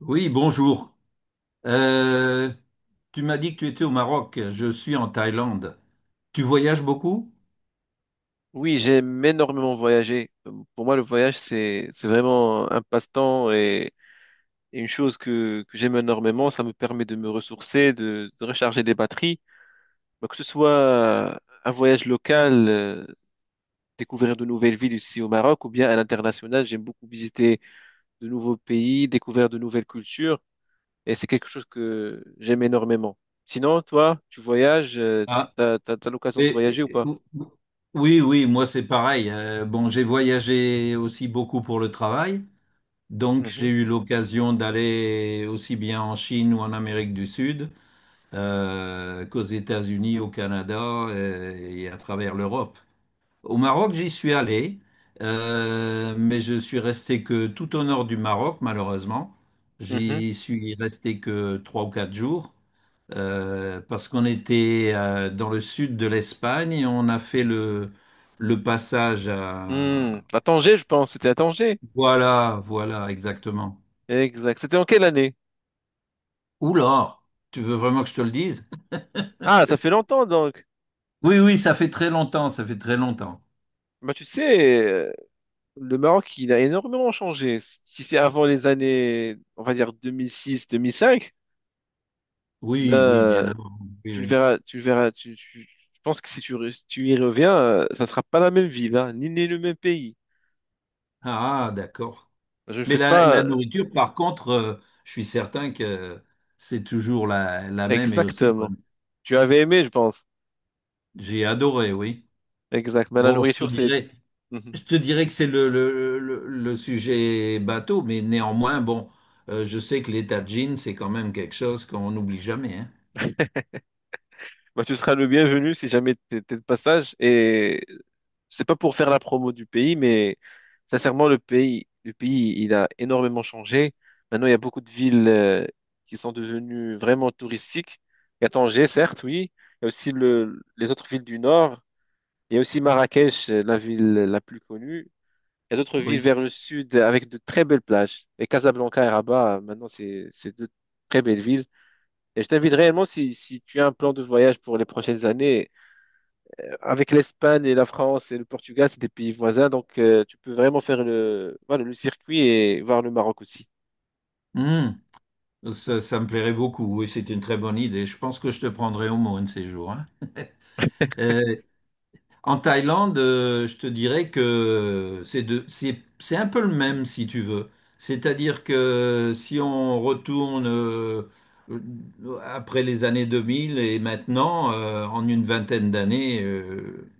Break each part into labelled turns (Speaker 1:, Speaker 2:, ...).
Speaker 1: Oui, bonjour. Euh, tu m'as dit que tu étais au Maroc. Je suis en Thaïlande. Tu voyages beaucoup?
Speaker 2: Oui, j'aime énormément voyager. Pour moi, le voyage, c'est vraiment un passe-temps et une chose que j'aime énormément. Ça me permet de me ressourcer, de recharger des batteries. Donc, que ce soit un voyage local, découvrir de nouvelles villes ici au Maroc, ou bien à l'international, j'aime beaucoup visiter de nouveaux pays, découvrir de nouvelles cultures. Et c'est quelque chose que j'aime énormément. Sinon, toi, tu voyages,
Speaker 1: Ah,
Speaker 2: t'as l'occasion de
Speaker 1: et,
Speaker 2: voyager ou
Speaker 1: et-
Speaker 2: pas?
Speaker 1: oui, oui, moi c'est pareil. Bon, j'ai voyagé aussi beaucoup pour le travail. Donc j'ai
Speaker 2: Mhm.
Speaker 1: eu l'occasion d'aller aussi bien en Chine ou en Amérique du Sud qu'aux États-Unis, au Canada et à travers l'Europe. Au Maroc, j'y suis allé, mais je suis resté que tout au nord du Maroc, malheureusement.
Speaker 2: Mhm.
Speaker 1: J'y suis resté que 3 ou 4 jours parce qu'on était dans le sud de l'Espagne et on a fait le passage à.
Speaker 2: Hmm, à Tanger, je pense. C'était à Tanger.
Speaker 1: Voilà, voilà, exactement.
Speaker 2: Exact. C'était en quelle année?
Speaker 1: Oula, tu veux vraiment que je te le dise?
Speaker 2: Ah, ça fait longtemps donc.
Speaker 1: Oui, oui, ça fait très longtemps, ça fait très longtemps.
Speaker 2: Bah, tu sais, le Maroc, il a énormément changé. Si c'est avant les années, on va dire 2006, 2005,
Speaker 1: Oui, oui, bien
Speaker 2: ben,
Speaker 1: avant. Oui,
Speaker 2: tu le
Speaker 1: oui.
Speaker 2: verras, tu le verras, tu- je pense que si tu y reviens, ça sera pas la même ville, hein, ni le même pays.
Speaker 1: Ah, d'accord.
Speaker 2: Je ne
Speaker 1: Mais
Speaker 2: fais
Speaker 1: la
Speaker 2: pas
Speaker 1: nourriture, par contre, je suis certain que c'est toujours la même et aussi
Speaker 2: exactement.
Speaker 1: bonne.
Speaker 2: Tu avais aimé, je pense.
Speaker 1: J'ai adoré, oui.
Speaker 2: Exact. Mais la
Speaker 1: Bon, je te
Speaker 2: nourriture, c'est.
Speaker 1: dirais, je te dirais que c'est le sujet bateau, mais néanmoins, bon, je sais que les tagines, c'est quand même quelque chose qu'on n'oublie jamais, hein.
Speaker 2: Bah, tu seras le bienvenu si jamais t'es de passage. Et c'est pas pour faire la promo du pays, mais sincèrement, le pays, il a énormément changé. Maintenant, il y a beaucoup de villes qui sont devenues vraiment touristiques. Il y a Tanger, certes, oui. Il y a aussi le, les autres villes du nord. Il y a aussi Marrakech, la ville la plus connue. Il y a d'autres villes
Speaker 1: Oui.
Speaker 2: vers le sud avec de très belles plages. Et Casablanca et Rabat, maintenant, c'est deux très belles villes. Et je t'invite réellement, si, si tu as un plan de voyage pour les prochaines années, avec l'Espagne et la France et le Portugal, c'est des pays voisins, donc tu peux vraiment faire le, voilà, le circuit et voir le Maroc aussi.
Speaker 1: Hum, Ça ça me plairait beaucoup. Oui, c'est une très bonne idée. Je pense que je te prendrai au mot un de ces jours, hein. Euh, En Thaïlande, je te dirais que c'est un peu le même si tu veux. C'est-à-dire que si on retourne après les années 2000 et maintenant, en une vingtaine d'années,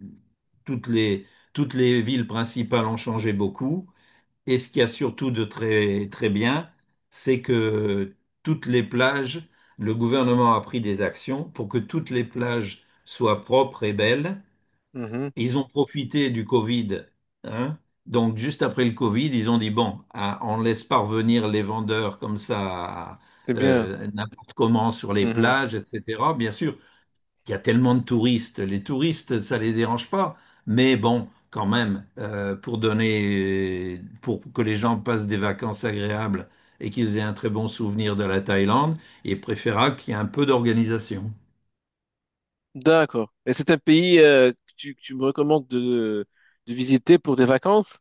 Speaker 1: toutes les, toutes les villes principales ont changé beaucoup. Et ce qu'il y a surtout de très, très bien, c'est que toutes les plages, le gouvernement a pris des actions pour que toutes les plages soient propres et belles.
Speaker 2: Mhm.
Speaker 1: Ils ont profité du Covid, hein. Donc, juste après le Covid, ils ont dit, bon, hein, on ne laisse pas revenir les vendeurs comme ça,
Speaker 2: C'est bien.
Speaker 1: n'importe comment sur les
Speaker 2: Mhm.
Speaker 1: plages, etc. Bien sûr, il y a tellement de touristes. Les touristes, ça les dérange pas. Mais bon, quand même, pour donner, pour que les gens passent des vacances agréables et qu'ils aient un très bon souvenir de la Thaïlande, il est préférable qu'il y ait un peu d'organisation.
Speaker 2: D'accord. Et c'est un pays que tu me recommandes de visiter pour des vacances?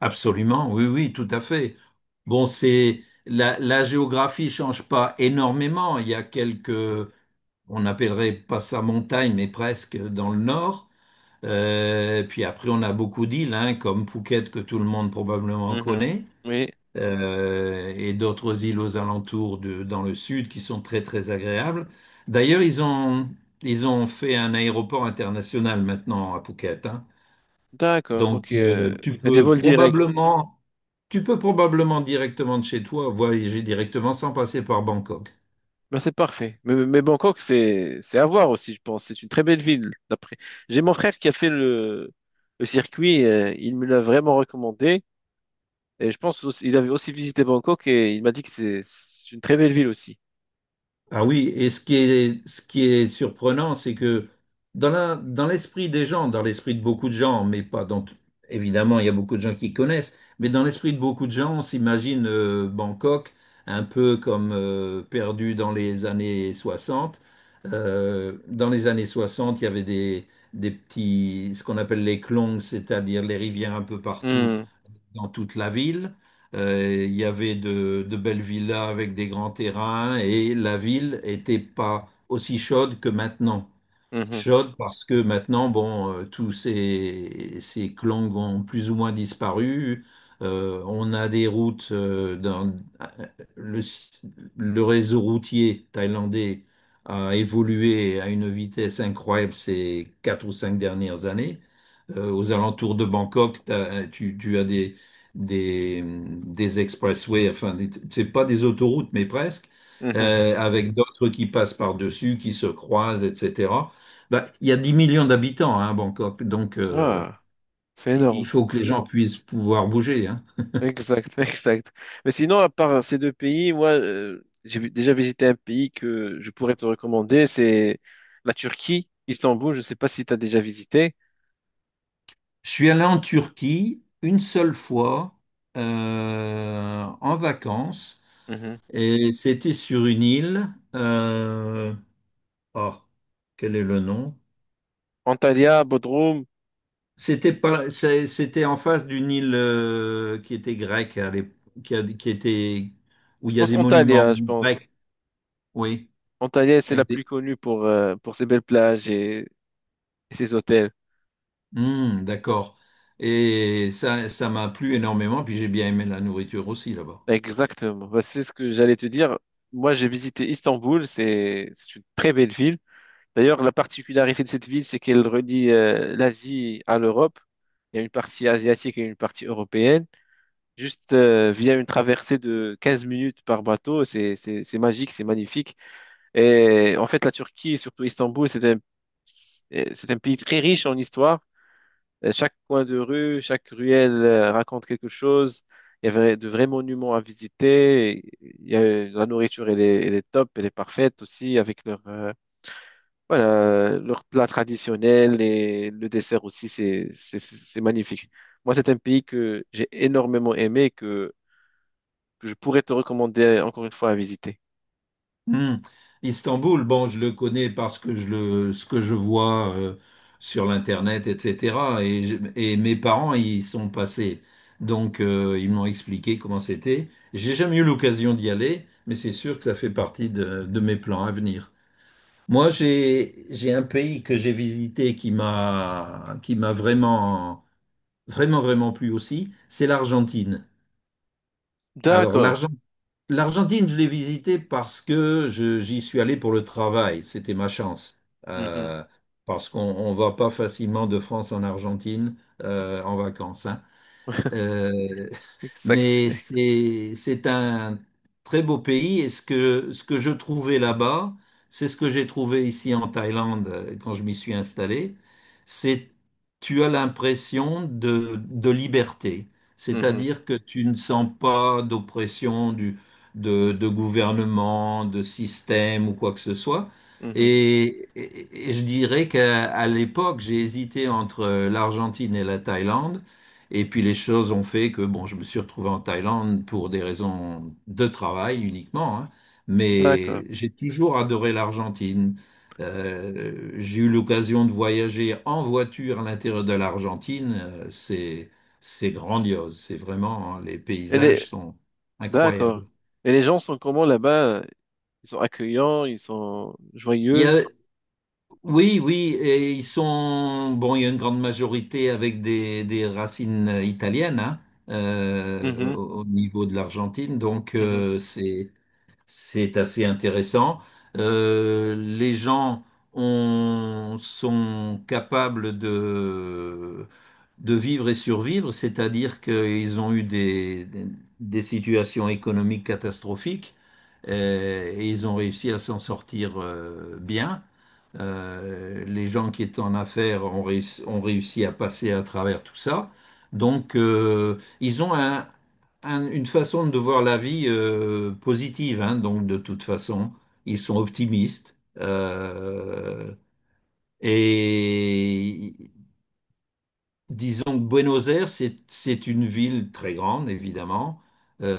Speaker 1: Absolument, oui, oui, tout à fait. Bon, c'est la géographie change pas énormément. Il y a quelques, on n'appellerait pas ça montagne, mais presque dans le nord. Puis après, on a beaucoup d'îles, hein, comme Phuket que tout le monde probablement
Speaker 2: Mhm.
Speaker 1: connaît,
Speaker 2: Oui,
Speaker 1: et d'autres îles aux alentours dans le sud qui sont très très agréables. D'ailleurs, ils ont fait un aéroport international maintenant à Phuket, hein.
Speaker 2: d'accord.
Speaker 1: Donc,
Speaker 2: Donc,
Speaker 1: tu
Speaker 2: il y a des
Speaker 1: peux
Speaker 2: vols directs.
Speaker 1: probablement, tu peux probablement directement de chez toi voyager directement sans passer par Bangkok.
Speaker 2: Ben, c'est parfait. Mais Bangkok, c'est à voir aussi, je pense. C'est une très belle ville, d'après. J'ai mon frère qui a fait le circuit. Euh, il me l'a vraiment recommandé. Et je pense aussi, il avait aussi visité Bangkok et il m'a dit que c'est une très belle ville aussi.
Speaker 1: Ah oui, et ce qui est surprenant, c'est que dans l'esprit des gens, dans l'esprit de beaucoup de gens, mais pas dans, évidemment, il y a beaucoup de gens qui connaissent, mais dans l'esprit de beaucoup de gens, on s'imagine Bangkok un peu comme perdu dans les années 60. Dans les années 60, il y avait des petits, ce qu'on appelle les klongs, c'est-à-dire les rivières un peu partout
Speaker 2: Hmm,
Speaker 1: dans toute la ville. Il y avait de belles villas avec des grands terrains et la ville n'était pas aussi chaude que maintenant
Speaker 2: mhm,
Speaker 1: chaude parce que maintenant, bon, tous ces clans ont plus ou moins disparu. On a des routes dans euh, le, le réseau routier thaïlandais a évolué à une vitesse incroyable ces 4 ou 5 dernières années. Aux alentours de Bangkok, tu as des expressways, enfin, c'est pas des autoroutes, mais presque,
Speaker 2: mhm.
Speaker 1: avec d'autres qui passent par-dessus, qui se croisent, etc. Bah, il y a 10 millions d'habitants hein, à Bangkok, donc
Speaker 2: Ah, c'est
Speaker 1: il
Speaker 2: énorme.
Speaker 1: faut que les gens puissent pouvoir bouger, hein.
Speaker 2: Exact, exact. Mais sinon, à part ces deux pays, moi, déjà visité un pays que je pourrais te recommander, c'est la Turquie, Istanbul. Je ne sais pas si tu as déjà visité.
Speaker 1: Je suis allé en Turquie une seule fois en vacances
Speaker 2: Mhm.
Speaker 1: et c'était sur une île. euh, oh, quel est le nom?
Speaker 2: Antalya, Bodrum.
Speaker 1: C'était pas, c'est- C'était en face d'une île qui était grecque, qui était où il y a des monuments
Speaker 2: Je pense.
Speaker 1: grecs, oui,
Speaker 2: Antalya, c'est la
Speaker 1: avec
Speaker 2: plus
Speaker 1: des-
Speaker 2: connue pour ses belles plages et ses hôtels.
Speaker 1: hmm, d'accord. Et ça m'a plu énormément, puis j'ai bien aimé la nourriture aussi là-bas.
Speaker 2: Exactement. Bah, c'est ce que j'allais te dire. Moi, j'ai visité Istanbul. C'est une très belle ville. D'ailleurs, la particularité de cette ville, c'est qu'elle relie l'Asie à l'Europe. Il y a une partie asiatique et une partie européenne. Juste via une traversée de 15 minutes par bateau, c'est magique, c'est magnifique. Et en fait, la Turquie, et surtout Istanbul, c'est un pays très riche en histoire. Chaque coin de rue, chaque ruelle raconte quelque chose. Il y avait de vrais monuments à visiter. Et il y a, la nourriture, elle est top, elle est parfaite aussi avec leur, voilà, leur plat traditionnel et le dessert aussi, c'est magnifique. Moi, c'est un pays que j'ai énormément aimé et que je pourrais te recommander encore une fois à visiter.
Speaker 1: Hmm. Istanbul, bon, je le connais parce que ce que je vois sur l'internet, etc. Et mes parents y sont passés, donc ils m'ont expliqué comment c'était. J'ai jamais eu l'occasion d'y aller, mais c'est sûr que ça fait partie de mes plans à venir. Moi, j'ai un pays que j'ai visité qui m'a vraiment vraiment, vraiment plu aussi, c'est l'Argentine. Alors,
Speaker 2: D'accord.
Speaker 1: l'Argentine, je l'ai visitée parce que j'y suis allé pour le travail. C'était ma chance.
Speaker 2: Mhm.
Speaker 1: Euh, parce qu'on ne va pas facilement de France en Argentine en vacances, hein. Euh,
Speaker 2: Exact.
Speaker 1: mais c'est un très beau pays et ce que je trouvais là-bas, c'est ce que j'ai trouvé ici en Thaïlande quand je m'y suis installé, c'est tu as l'impression de liberté,
Speaker 2: Mhm.
Speaker 1: c'est-à-dire que tu ne sens pas d'oppression de gouvernement, de système ou quoi que ce soit.
Speaker 2: Mhm.
Speaker 1: Et je dirais qu'à à l'époque, j'ai hésité entre l'Argentine et la Thaïlande. Et puis les choses ont fait que bon, je me suis retrouvé en Thaïlande pour des raisons de travail uniquement, hein.
Speaker 2: D'accord.
Speaker 1: Mais j'ai toujours adoré l'Argentine. J'ai eu l'occasion de voyager en voiture à l'intérieur de l'Argentine. C'est grandiose. C'est vraiment, hein, les
Speaker 2: Elle est,
Speaker 1: paysages sont
Speaker 2: d'accord.
Speaker 1: incroyables.
Speaker 2: Et les gens sont comment là-bas? Ils sont accueillants, ils sont
Speaker 1: Il y
Speaker 2: joyeux.
Speaker 1: a, Oui, oui, et ils sont, bon, il y a une grande majorité avec des racines italiennes, hein,
Speaker 2: Mhm,
Speaker 1: au niveau de l'Argentine, donc
Speaker 2: mhm,
Speaker 1: c'est, assez intéressant. Les gens sont capables de vivre et survivre, c'est-à-dire qu'ils ont eu des situations économiques catastrophiques et ils ont réussi à s'en sortir bien. Les gens qui étaient en affaires ont réussi à passer à travers tout ça. Donc, ils ont une façon de voir la vie positive, hein, donc de toute façon, ils sont optimistes. Et disons que Buenos Aires, c'est une ville très grande, évidemment,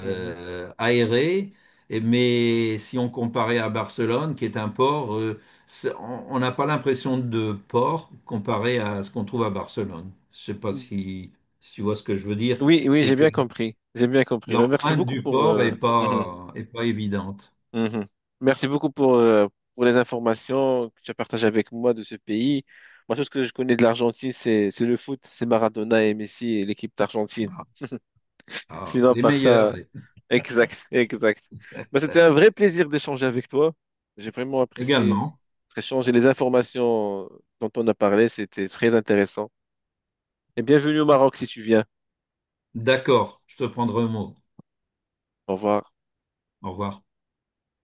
Speaker 2: mhm.
Speaker 1: aérée, mais si on comparait à Barcelone, qui est un port, on n'a pas l'impression de port comparé à ce qu'on trouve à Barcelone. Je ne sais pas si tu vois ce que je veux dire.
Speaker 2: Oui, oui,
Speaker 1: C'est
Speaker 2: j'ai
Speaker 1: que
Speaker 2: bien compris. J'ai bien compris. Ben, merci
Speaker 1: l'empreinte
Speaker 2: beaucoup
Speaker 1: du
Speaker 2: pour,
Speaker 1: porc est
Speaker 2: mhm,
Speaker 1: pas, est pas évidente.
Speaker 2: mhm. Merci beaucoup pour les informations que tu as partagées avec moi de ce pays. Moi, tout ce que je connais de l'Argentine, c'est le foot, c'est Maradona et Messi et l'équipe d'Argentine.
Speaker 1: Ah,
Speaker 2: Sinon,
Speaker 1: les
Speaker 2: par
Speaker 1: meilleurs
Speaker 2: ça, exact, exact. Bah, c'était un vrai plaisir d'échanger avec toi. J'ai vraiment apprécié
Speaker 1: également.
Speaker 2: notre échange et les informations dont on a parlé. C'était très intéressant. Et bienvenue au Maroc si tu viens.
Speaker 1: D'accord, je te prendrai un mot.
Speaker 2: Au revoir.
Speaker 1: Au revoir.